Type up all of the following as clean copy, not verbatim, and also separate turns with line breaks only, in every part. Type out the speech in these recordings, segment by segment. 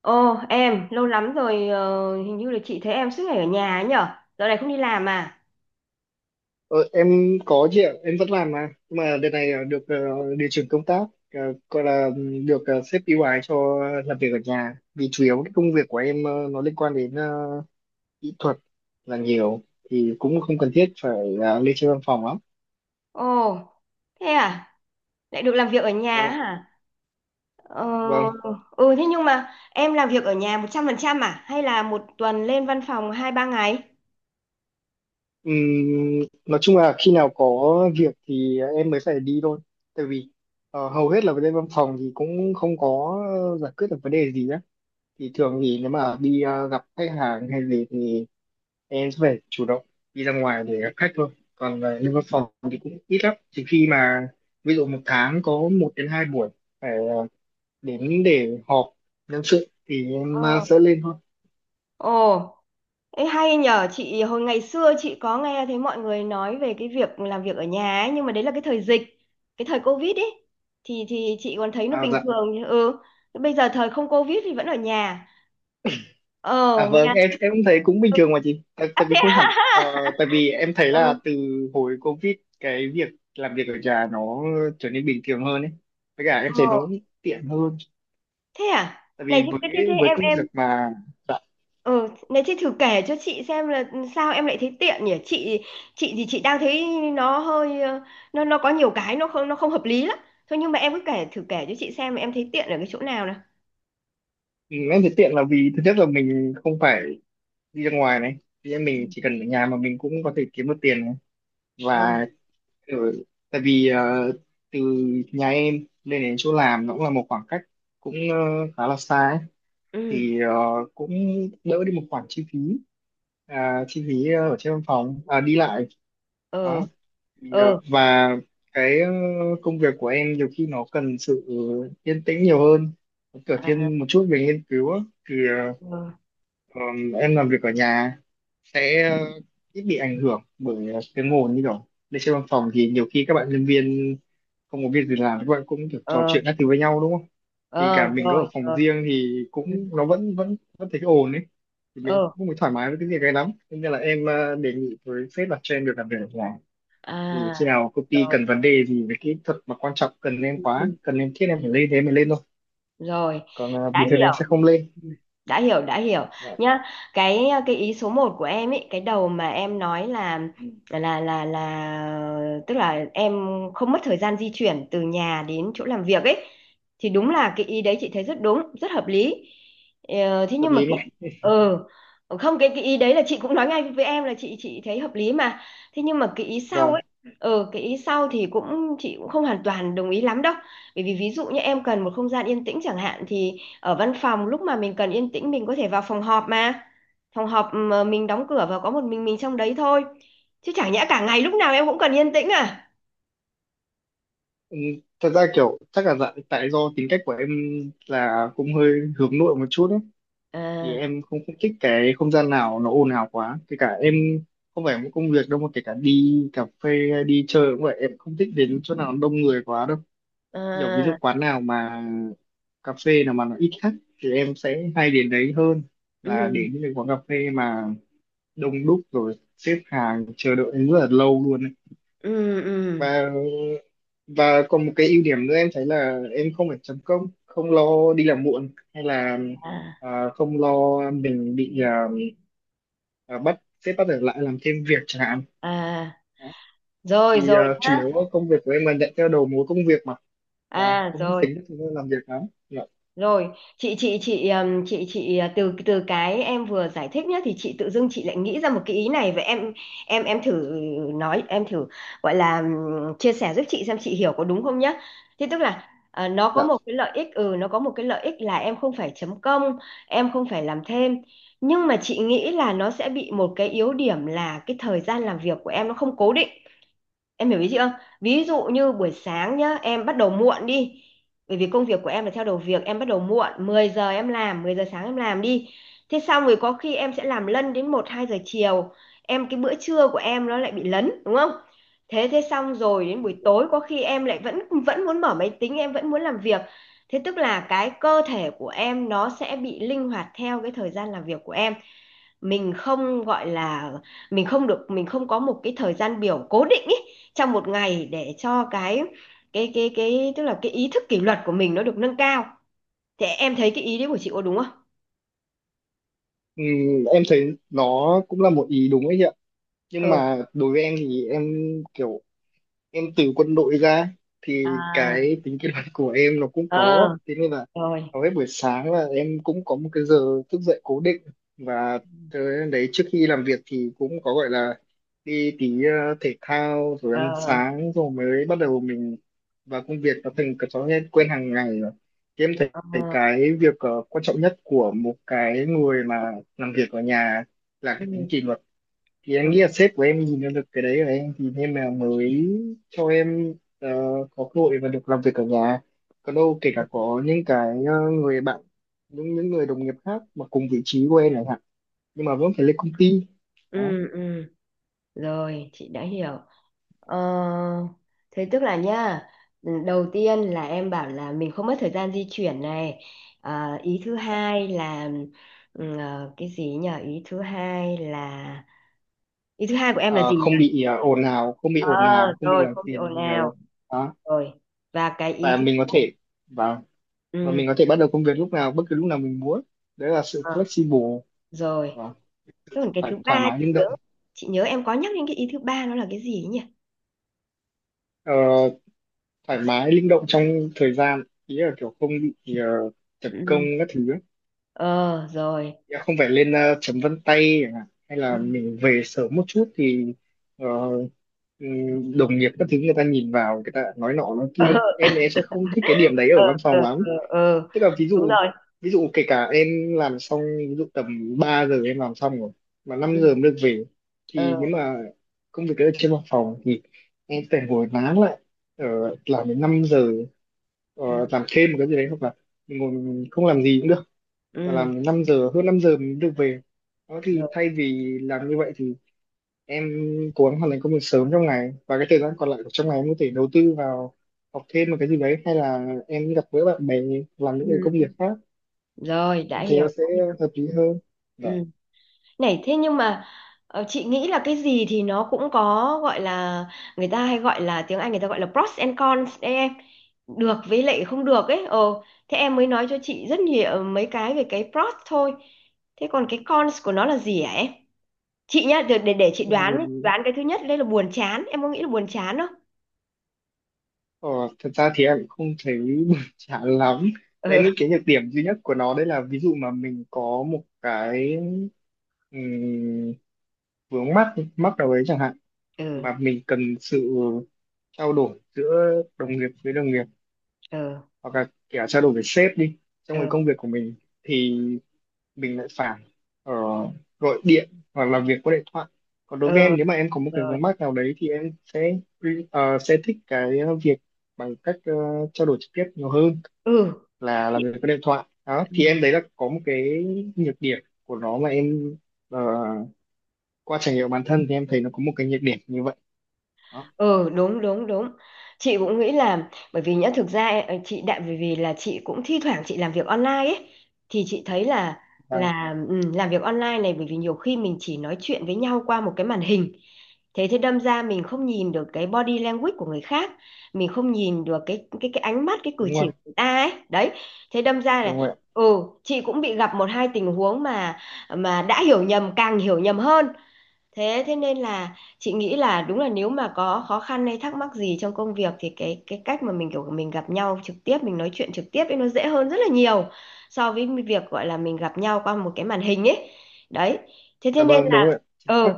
Ồ, em lâu lắm rồi, hình như là chị thấy em suốt ngày ở nhà ấy nhở. Giờ này không đi làm à?
Ờ, em có chị ạ, em vẫn làm mà. Nhưng mà đợt này được điều chuyển công tác, ờ, gọi là được sếp ưu ái cho làm việc ở nhà. Vì chủ yếu cái công việc của em nó liên quan đến kỹ thuật là nhiều, thì cũng không cần thiết phải lên trên văn phòng lắm.
Ồ, thế à, lại được làm việc ở nhà
Vâng
á
ạ.
hả? ờ,
Vâng.
Ừ, thế nhưng mà em làm việc ở nhà 100% à hay là một tuần lên văn phòng hai ba ngày?
Ừm, nói chung là khi nào có việc thì em mới phải đi thôi. Tại vì hầu hết là lên văn phòng thì cũng không có giải quyết được vấn đề gì á. Thì thường thì nếu mà đi gặp khách hàng hay gì thì em sẽ phải chủ động đi ra ngoài để gặp khách thôi, còn về lên văn phòng thì cũng ít lắm, chỉ khi mà ví dụ một tháng có một đến hai buổi phải đến để họp nhân sự thì
Ờ.
em sẽ lên thôi.
Ồ, ấy hay nhở, chị hồi ngày xưa chị có nghe thấy mọi người nói về cái việc làm việc ở nhà ấy, nhưng mà đấy là cái thời dịch, cái thời Covid ấy thì chị còn thấy nó
À
bình
dạ,
thường. Ừ, bây giờ thời không Covid thì vẫn ở nhà, ờ
à vâng,
Nga.
em cũng thấy cũng bình
Ừ.
thường mà chị, tại,
À,
tại
thế
vì không hẳn
à.
tại vì em thấy là
Ừ.
từ hồi Covid cái việc làm việc ở nhà nó trở nên bình thường hơn ấy, với cả em thấy
Ờ.
nó cũng tiện hơn.
Thế à,
Tại
này
vì
thế, thế, thế thế
với
em
công
em
việc mà, dạ,
ừ, này thế thử kể cho chị xem là sao em lại thấy tiện nhỉ. Chị thì chị đang thấy nó hơi nó có nhiều cái nó không hợp lý lắm. Thôi nhưng mà em cứ kể, thử kể cho chị xem em thấy tiện ở cái chỗ nào nào.
ừ, em thấy tiện là vì thứ nhất là mình không phải đi ra ngoài này, thì em
Ừ.
mình chỉ cần ở nhà mà mình cũng có thể kiếm được tiền này,
Ờ.
và ở, tại vì từ nhà em lên đến chỗ làm nó cũng là một khoảng cách cũng khá là xa ấy.
Ừ.
Thì cũng đỡ đi một khoản chi phí, à, chi phí ở trên văn phòng, à, đi lại đó,
Ờ.
thì,
Ờ.
và cái công việc của em nhiều khi nó cần sự yên tĩnh nhiều hơn, nó kiểu
À.
thiên một chút về nghiên cứu á. Thì
Ờ.
ờ, em làm việc ở nhà sẽ ít bị ảnh hưởng bởi tiếng ồn, như kiểu lên trên văn phòng thì nhiều khi các bạn nhân viên không có việc gì làm các bạn cũng được trò
Ờ.
chuyện các thứ với nhau, đúng không, thì
Ờ,
cả mình có ở
rồi
phòng
rồi.
riêng thì
Ừ.
cũng nó vẫn vẫn vẫn thấy cái ồn ấy, thì mình
Ờ.
cũng không thoải mái với cái việc này lắm. Thế nên là em đề nghị với sếp là cho em được làm việc ở nhà, thì
À.
khi nào công ty
Rồi.
cần vấn đề gì về kỹ thuật mà quan trọng cần em quá,
Ừ.
cần em thiết em phải lên thế em mới lên thôi,
Rồi,
còn
đã
bình thường
hiểu.
em sẽ không lên.
Ừ, đã hiểu, đã hiểu
Dạ,
nhá. Cái ý số một của em ấy, cái đầu mà em nói là là tức là em không mất thời gian di chuyển từ nhà đến chỗ làm việc ấy, thì đúng là cái ý đấy chị thấy rất đúng, rất hợp lý. Thế
hợp
nhưng mà
lý mà.
cái, ừ không, cái cái ý đấy là chị cũng nói ngay với em là chị thấy hợp lý mà. Thế nhưng mà cái ý sau
Vâng.
ấy, ừ, cái ý sau thì cũng chị cũng không hoàn toàn đồng ý lắm đâu. Bởi vì ví dụ như em cần một không gian yên tĩnh chẳng hạn, thì ở văn phòng lúc mà mình cần yên tĩnh mình có thể vào phòng họp mà. Phòng họp mà mình đóng cửa và có một mình trong đấy thôi. Chứ chẳng nhẽ cả ngày lúc nào em cũng cần yên tĩnh à?
Ừ, thật ra kiểu chắc là tại do tính cách của em là cũng hơi hướng nội một chút ấy, thì
À.
em không thích cái không gian nào nó ồn ào quá, kể cả em không phải một công việc đâu mà kể cả đi cà phê hay đi chơi cũng vậy, em không thích đến chỗ nào đông người quá đâu. Nhiều ví dụ
À.
quán nào mà cà phê nào mà nó ít khách thì em sẽ hay đến đấy hơn là
Ừ.
đến những cái quán cà phê mà đông đúc rồi xếp hàng chờ đợi rất là lâu luôn ấy.
Ừ. Ừ.
và và còn một cái ưu điểm nữa em thấy là em không phải chấm công, không lo đi làm muộn, hay là
À.
à, không lo mình bị à, à, bắt sếp bắt ở lại làm thêm việc chẳng hạn.
À,
Đấy.
rồi
Thì
rồi
à, chủ
nhá.
yếu công việc của em là nhận theo đầu mối công việc mà, và
À,
cũng không
rồi.
tính được thời gian làm việc lắm, dạ.
Rồi, chị chị từ từ cái em vừa giải thích nhé, thì chị tự dưng chị lại nghĩ ra một cái ý này. Vậy em, em thử nói, em thử gọi là chia sẻ giúp chị xem chị hiểu có đúng không nhá. Thế tức là nó có
Dạ.
một cái lợi ích, ừ, nó có một cái lợi ích là em không phải chấm công, em không phải làm thêm. Nhưng mà chị nghĩ là nó sẽ bị một cái yếu điểm là cái thời gian làm việc của em nó không cố định. Em hiểu ý chị không? Ví dụ như buổi sáng nhá, em bắt đầu muộn đi. Bởi vì công việc của em là theo đầu việc, em bắt đầu muộn, 10 giờ em làm, 10 giờ sáng em làm đi. Thế xong rồi có khi em sẽ làm lân đến một 2 giờ chiều. Em cái bữa trưa của em nó lại bị lấn, đúng không? Thế thế xong rồi đến buổi tối có khi em lại vẫn vẫn muốn mở máy tính, em vẫn muốn làm việc. Thế tức là cái cơ thể của em nó sẽ bị linh hoạt theo cái thời gian làm việc của em, mình không gọi là, mình không được, mình không có một cái thời gian biểu cố định ý, trong một ngày, để cho cái tức là cái ý thức kỷ luật của mình nó được nâng cao. Thế em thấy cái ý đấy của chị có đúng không?
Ừm, em thấy nó cũng là một ý đúng ấy chị ạ, nhưng
Ừ.
mà đối với em thì em kiểu em từ quân đội ra thì
À.
cái tính kỷ luật của em nó cũng
Ờ.
có, thế nên là
Rồi.
hầu hết buổi sáng là em cũng có một cái giờ thức dậy cố định, và tới đấy trước khi làm việc thì cũng có gọi là đi tí thể thao rồi
Ờ.
ăn sáng rồi mới bắt đầu mình vào công việc, nó thành cái thói quen quen hàng ngày rồi, thì em thấy
Ờ.
cái việc quan trọng nhất của một cái người mà làm việc ở nhà là
Ừ.
cái tính kỷ luật, thì em nghĩ là sếp của em nhìn ra được cái đấy rồi em thì nên là mới cho em ờ, có cơ hội và được làm việc ở nhà. Còn đâu kể cả có những cái người bạn, những người đồng nghiệp khác mà cùng vị trí của em chẳng hạn, nhưng mà vẫn phải lên công ty. Đó.
Ừ, ừ. Rồi, chị đã hiểu. Ờ, thế tức là nha, đầu tiên là em bảo là mình không mất thời gian di chuyển này. Ờ, ý thứ hai là, ừ, cái gì nhỉ? Ý thứ hai là, ý thứ hai của em là
Ờ,
gì nhỉ?
không bị ồn ào, không bị
Ờ,
ồn ào và không bị
rồi,
làm
không bị ồn
phiền
ào.
nhiều. Đó.
Rồi. Và cái ý
Và
thứ,
mình có thể, và và
ừ,
mình có thể bắt đầu công việc lúc nào, bất cứ lúc nào mình muốn, đấy là sự
ờ,
flexible,
rồi.
và
Thế còn cái thứ
thoải
ba,
mái linh
chị nhớ
động.
chị nhớ em có nhắc đến cái ý thứ ba, nó là cái gì ấy nhỉ?
Ờ, thoải mái linh động trong thời gian ý là kiểu không bị tập công
Ừ.
các thứ ấy.
Ờ rồi.
Ý là không phải lên chấm vân tay chẳng hạn, hay
Ừ.
là mình về sớm một chút thì ờ, đồng nghiệp các thứ người ta nhìn vào người ta nói nọ nói kia, em thì em sẽ không thích cái điểm đấy
Ờ,
ở văn
ờ,
phòng lắm.
ờ, ờ, ờ.
Tức là ví
Đúng
dụ,
rồi.
kể cả em làm xong, ví dụ tầm 3 giờ em làm xong rồi mà năm
Ừ.
giờ mới được về, thì
Ờ.
nếu mà công việc ở trên văn phòng thì em phải ngồi nán lại ở làm đến 5 giờ, ờ,
Ừ.
làm thêm một cái gì đấy, hoặc là mình ngồi mình không làm gì cũng được, và
Ừ.
làm 5 giờ, hơn 5 giờ mình mới được về. Đó thì
Rồi.
thay vì làm như vậy thì em cố gắng hoàn thành công việc sớm trong ngày, và cái thời gian còn lại của trong ngày em có thể đầu tư vào học thêm một cái gì đấy, hay là em gặp gỡ bạn bè, làm những cái công
Ừ.
việc khác,
Rồi, đã
em thấy
hiểu,
nó sẽ
đã hiểu.
hợp lý hơn.
Ừ.
Vâng.
Này thế nhưng mà chị nghĩ là cái gì thì nó cũng có, gọi là, người ta hay gọi là, tiếng Anh người ta gọi là pros and cons đấy em, được với lại không được ấy. Ờ, thế em mới nói cho chị rất nhiều mấy cái về cái pros thôi, thế còn cái cons của nó là gì hả em? Chị nhá, để chị
Ừ,
đoán ấy. Đoán cái thứ nhất đây là buồn chán, em có nghĩ là buồn chán không?
ờ, thật ra thì em cũng không thấy buồn chán lắm. Đấy,
Ừ.
những cái nhược điểm duy nhất của nó đấy là ví dụ mà mình có một cái ừm, vướng mắc mắc nào đấy chẳng hạn,
Ừ.
mà mình cần sự trao đổi giữa đồng nghiệp với đồng nghiệp,
Ừ.
hoặc là kể cả trao đổi với sếp đi, trong cái
Ừ.
công việc của mình, thì mình lại phải ờ, gọi điện hoặc làm việc qua điện thoại. Còn đối
Ừ.
với em nếu mà em có một cái
Rồi.
vướng mắc nào đấy thì em sẽ sẽ thích cái việc bằng cách trao đổi trực tiếp nhiều hơn
Ừ.
là làm việc qua điện thoại. Đó thì
Chị-.
em đấy là có một cái nhược điểm của nó mà em ờ, qua trải nghiệm bản thân thì em thấy nó có một cái nhược điểm như vậy. Đó.
Ừ, đúng đúng đúng, chị cũng nghĩ là, bởi vì nhá, thực ra ấy, ờ, chị đại vì vì chị cũng thi thoảng chị làm việc online ấy, thì chị thấy là
Vâng,
là ừ, làm việc online này bởi vì nhiều khi mình chỉ nói chuyện với nhau qua một cái màn hình, thế thế đâm ra mình không nhìn được cái body language của người khác, mình không nhìn được cái cái ánh mắt, cái cử
đúng rồi,
chỉ của người ta ấy đấy. Thế đâm ra là,
đúng rồi.
ừ, chị cũng bị gặp một hai tình huống mà đã hiểu nhầm càng hiểu nhầm hơn. Thế thế nên là chị nghĩ là đúng là, nếu mà có khó khăn hay thắc mắc gì trong công việc, thì cái cách mà mình kiểu mình gặp nhau trực tiếp, mình nói chuyện trực tiếp ấy, nó dễ hơn rất là nhiều so với việc, gọi là, mình gặp nhau qua một cái màn hình ấy. Đấy. Thế thế
Dạ
nên
vâng, đúng
là,
rồi. Ạ. Chính xác.
ừ,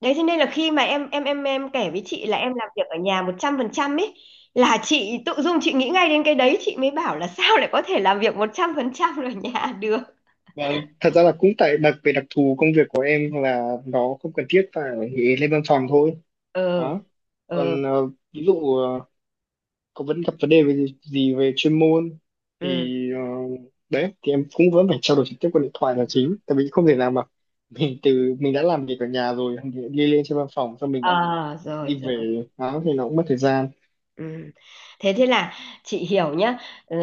đấy, thế nên là khi mà em kể với chị là em làm việc ở nhà 100% ấy, là chị tự dưng chị nghĩ ngay đến cái đấy, chị mới bảo là sao lại có thể làm việc 100% ở nhà được.
Vâng, thật ra là cũng đặc về đặc thù công việc của em là nó không cần thiết phải lên văn phòng thôi.
Ừ.
Đó.
Ừ.
Còn ờ, ví dụ ờ, có vẫn gặp vấn đề về gì về chuyên môn,
Ừ.
thì đấy thì em cũng vẫn phải trao đổi trực tiếp qua điện thoại là chính. Tại vì không thể nào mà mình đã làm việc ở nhà rồi thì đi lên trên văn phòng xong mình lại
Ờ rồi
đi
rồi.
về, đó thì nó cũng mất thời gian.
Ừ. Thế thế là chị hiểu nhá. Ừ,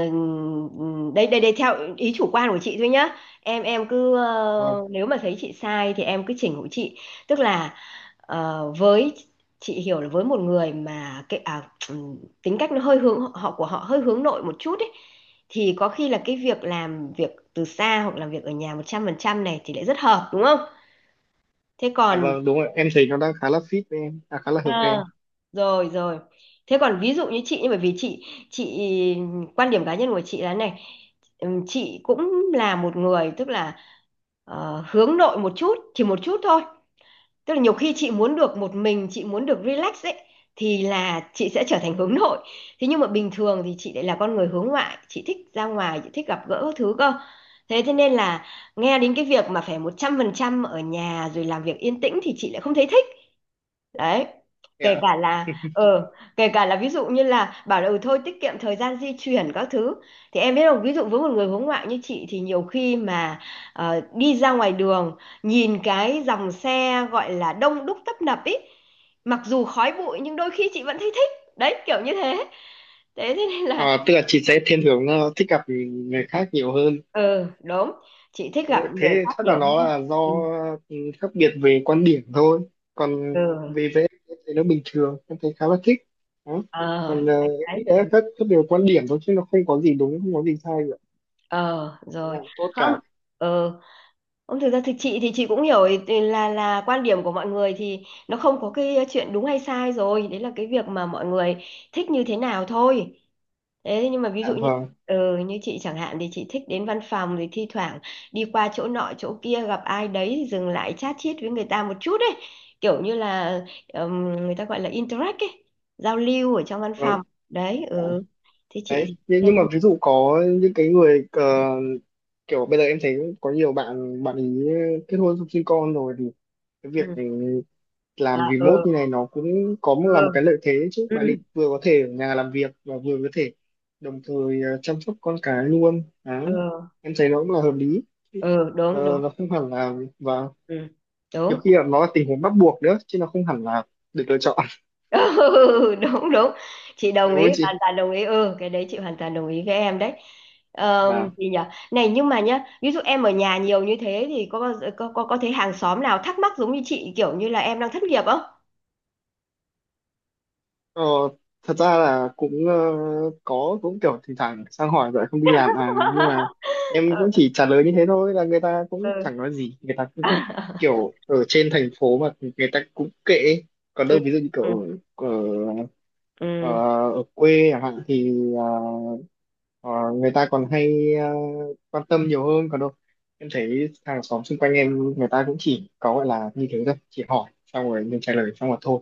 ừ, đây đây đây theo ý chủ quan của chị thôi nhá. Em cứ,
Vâng.
ờ, nếu mà thấy chị sai thì em cứ chỉnh hộ chị. Tức là, ờ, với, chị hiểu là với một người mà cái, à, ừ, tính cách nó hơi hướng, họ của họ hơi hướng nội một chút ấy, thì có khi là cái việc làm việc từ xa hoặc làm việc ở nhà 100% này thì lại rất hợp, đúng không? Thế
Dạ
còn,
vâng, đúng rồi. Em thấy nó đang khá là fit với em, à, khá là hợp với em.
ờ, rồi rồi, thế còn ví dụ như chị, nhưng bởi vì chị quan điểm cá nhân của chị là này, chị cũng là một người tức là, ờ, hướng nội một chút, chỉ một chút thôi. Tức là nhiều khi chị muốn được một mình, chị muốn được relax ấy, thì là chị sẽ trở thành hướng nội. Thế nhưng mà bình thường thì chị lại là con người hướng ngoại, chị thích ra ngoài, chị thích gặp gỡ các thứ cơ. Thế thế nên là nghe đến cái việc mà phải một trăm phần trăm ở nhà rồi làm việc yên tĩnh thì chị lại không thấy thích. Đấy, kể
Dạ.
cả là ờ kể cả là ví dụ như là bảo là ừ thôi tiết kiệm thời gian di chuyển các thứ, thì em biết không, ví dụ với một người hướng ngoại như chị thì nhiều khi mà, ờ, đi ra ngoài đường, nhìn cái dòng xe, gọi là đông đúc tấp nập ý, mặc dù khói bụi nhưng đôi khi chị vẫn thấy thích, đấy, kiểu như thế. Thế thế nên là,
À, tức là chị sẽ thiên hướng thích gặp người khác nhiều hơn.
ừ đúng, chị thích
Đúng
gặp
rồi,
người
thế
khác
chắc là
nhiều
nó
hơn.
là do
Ừ.
ừ, khác biệt về quan điểm thôi. Còn
Ừ.
về vẽ thì nó bình thường, em thấy khá là thích. Đó.
Ờ.
Còn
Đấy
nghĩ
đấy.
là khác biệt về quan điểm thôi, chứ nó không có gì đúng, không có gì sai cả.
Ờ
Thế
rồi.
là tốt
Không.
cả.
Ờ. Ông thực ra thì chị cũng hiểu ý-, ý là quan điểm của mọi người thì nó không có cái, ờ, chuyện đúng hay sai rồi, đấy là cái việc mà mọi người thích như thế nào thôi. Thế nhưng mà ví
À,
dụ như,
vâng,
ừ, như chị chẳng hạn thì chị thích đến văn phòng, thì thi thoảng đi qua chỗ nọ chỗ kia gặp ai đấy thì dừng lại chat chít với người ta một chút ấy, kiểu như là, người ta gọi là interact ấy, giao lưu ở trong văn
vâng.
phòng. Đấy,
À,
ừ. Thế chị
đấy.
thì thế.
Nhưng mà ví dụ có những cái người ờ, kiểu bây giờ em thấy có nhiều bạn bạn ý kết hôn xong sinh con rồi thì cái việc
Ừ.
ừ,
À,
làm remote
ừ,
như này nó cũng có
ừ,
là một cái lợi thế đấy chứ,
ừ,
bạn định vừa có thể ở nhà làm việc và vừa có thể đồng thời chăm sóc con cái luôn
ừ,
đấy, em thấy nó cũng là hợp lý.
ừ, đúng đúng.
Ờ, nó không hẳn là, và
Ừ,
nhiều
đúng.
khi là nó là tình huống bắt buộc nữa chứ nó không hẳn là được lựa chọn
Ừ, đúng đúng, chị đồng
đúng
ý,
không
hoàn
chị.
toàn đồng ý, ừ, cái đấy chị hoàn toàn đồng ý với em đấy.
Và
Gì nhỉ? Này nhưng mà nhá, ví dụ em ở nhà nhiều như thế thì có bao giờ, có thấy hàng xóm nào thắc mắc giống như chị kiểu như là em đang thất nghiệp không?
ờ, thật ra là cũng ờ, có cũng kiểu thỉnh thoảng sang hỏi vậy không đi làm à, nhưng mà em cũng
Ừ.
chỉ trả lời như thế thôi, là người ta cũng
Ừ.
chẳng nói gì, người ta cứ kiểu ở trên thành phố mà người ta cũng kệ ấy. Còn
Ừ.
đâu ví dụ như
Ừ.
kiểu ở, ở, ờ,
Ừ.
ở quê chẳng hạn thì ờ, người ta còn hay quan tâm nhiều hơn. Còn đâu em thấy hàng xóm xung quanh em người ta cũng chỉ có gọi là như thế thôi, chỉ hỏi xong rồi mình trả lời xong rồi thôi,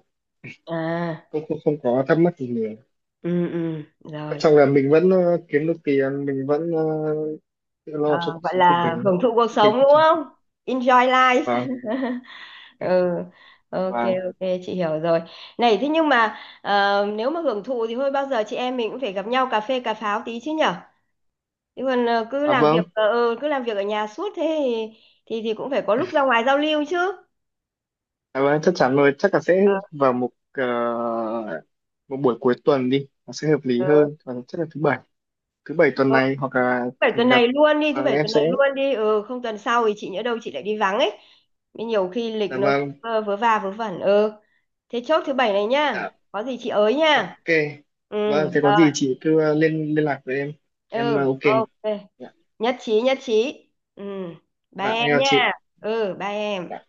À.
không không, không có thắc mắc gì nhiều.
Ừ. Ừ.
Quan
Rồi.
trọng là mình vẫn kiếm được tiền, mình vẫn tự lo cho
Ờ,
cuộc
gọi
sống của
là
mình
hưởng thụ cuộc
mình
sống
cũng
đúng
chẳng.
không, enjoy life.
Vâng.
Ừ, ok.
Vâng.
Ok, chị hiểu rồi. Này thế nhưng mà, ờ, nếu mà hưởng thụ thì thôi bao giờ chị em mình cũng phải gặp nhau cà phê cà pháo tí chứ nhở, chứ còn, ờ, cứ
À
làm việc,
vâng.
ờ, ừ, cứ làm việc ở nhà suốt thế thì cũng phải có lúc ra ngoài giao lưu chứ.
À, vâng, chắc chắn rồi, chắc là
Ờ,
sẽ vào một một buổi cuối tuần đi, nó sẽ hợp lý
ờ,
hơn. Và chắc là thứ bảy tuần
ờ,
này hoặc là
thứ bảy
chủ
tuần
nhật.
này luôn đi, thứ
Vâng,
bảy
em
tuần này
sẽ.
luôn đi, ừ không tuần sau thì chị nhỡ đâu chị lại đi vắng ấy. Nên nhiều khi lịch
Dạ
nó,
vâng,
ờ, vớ va vớ vẩn, ừ. Thế chốt thứ bảy này nhá,
dạ.
có gì chị ới nha.
Ok.
Ừ.
Vâng, thế có
Ờ,
gì chị cứ liên liên lạc với em. Em
ừ,
ok mà.
ok.
Dạ.
Nhất trí, nhất trí. Ừ. Ba
Vâng,
em
em chào
nha.
chị.
Ừ, ba
Dạ.
em.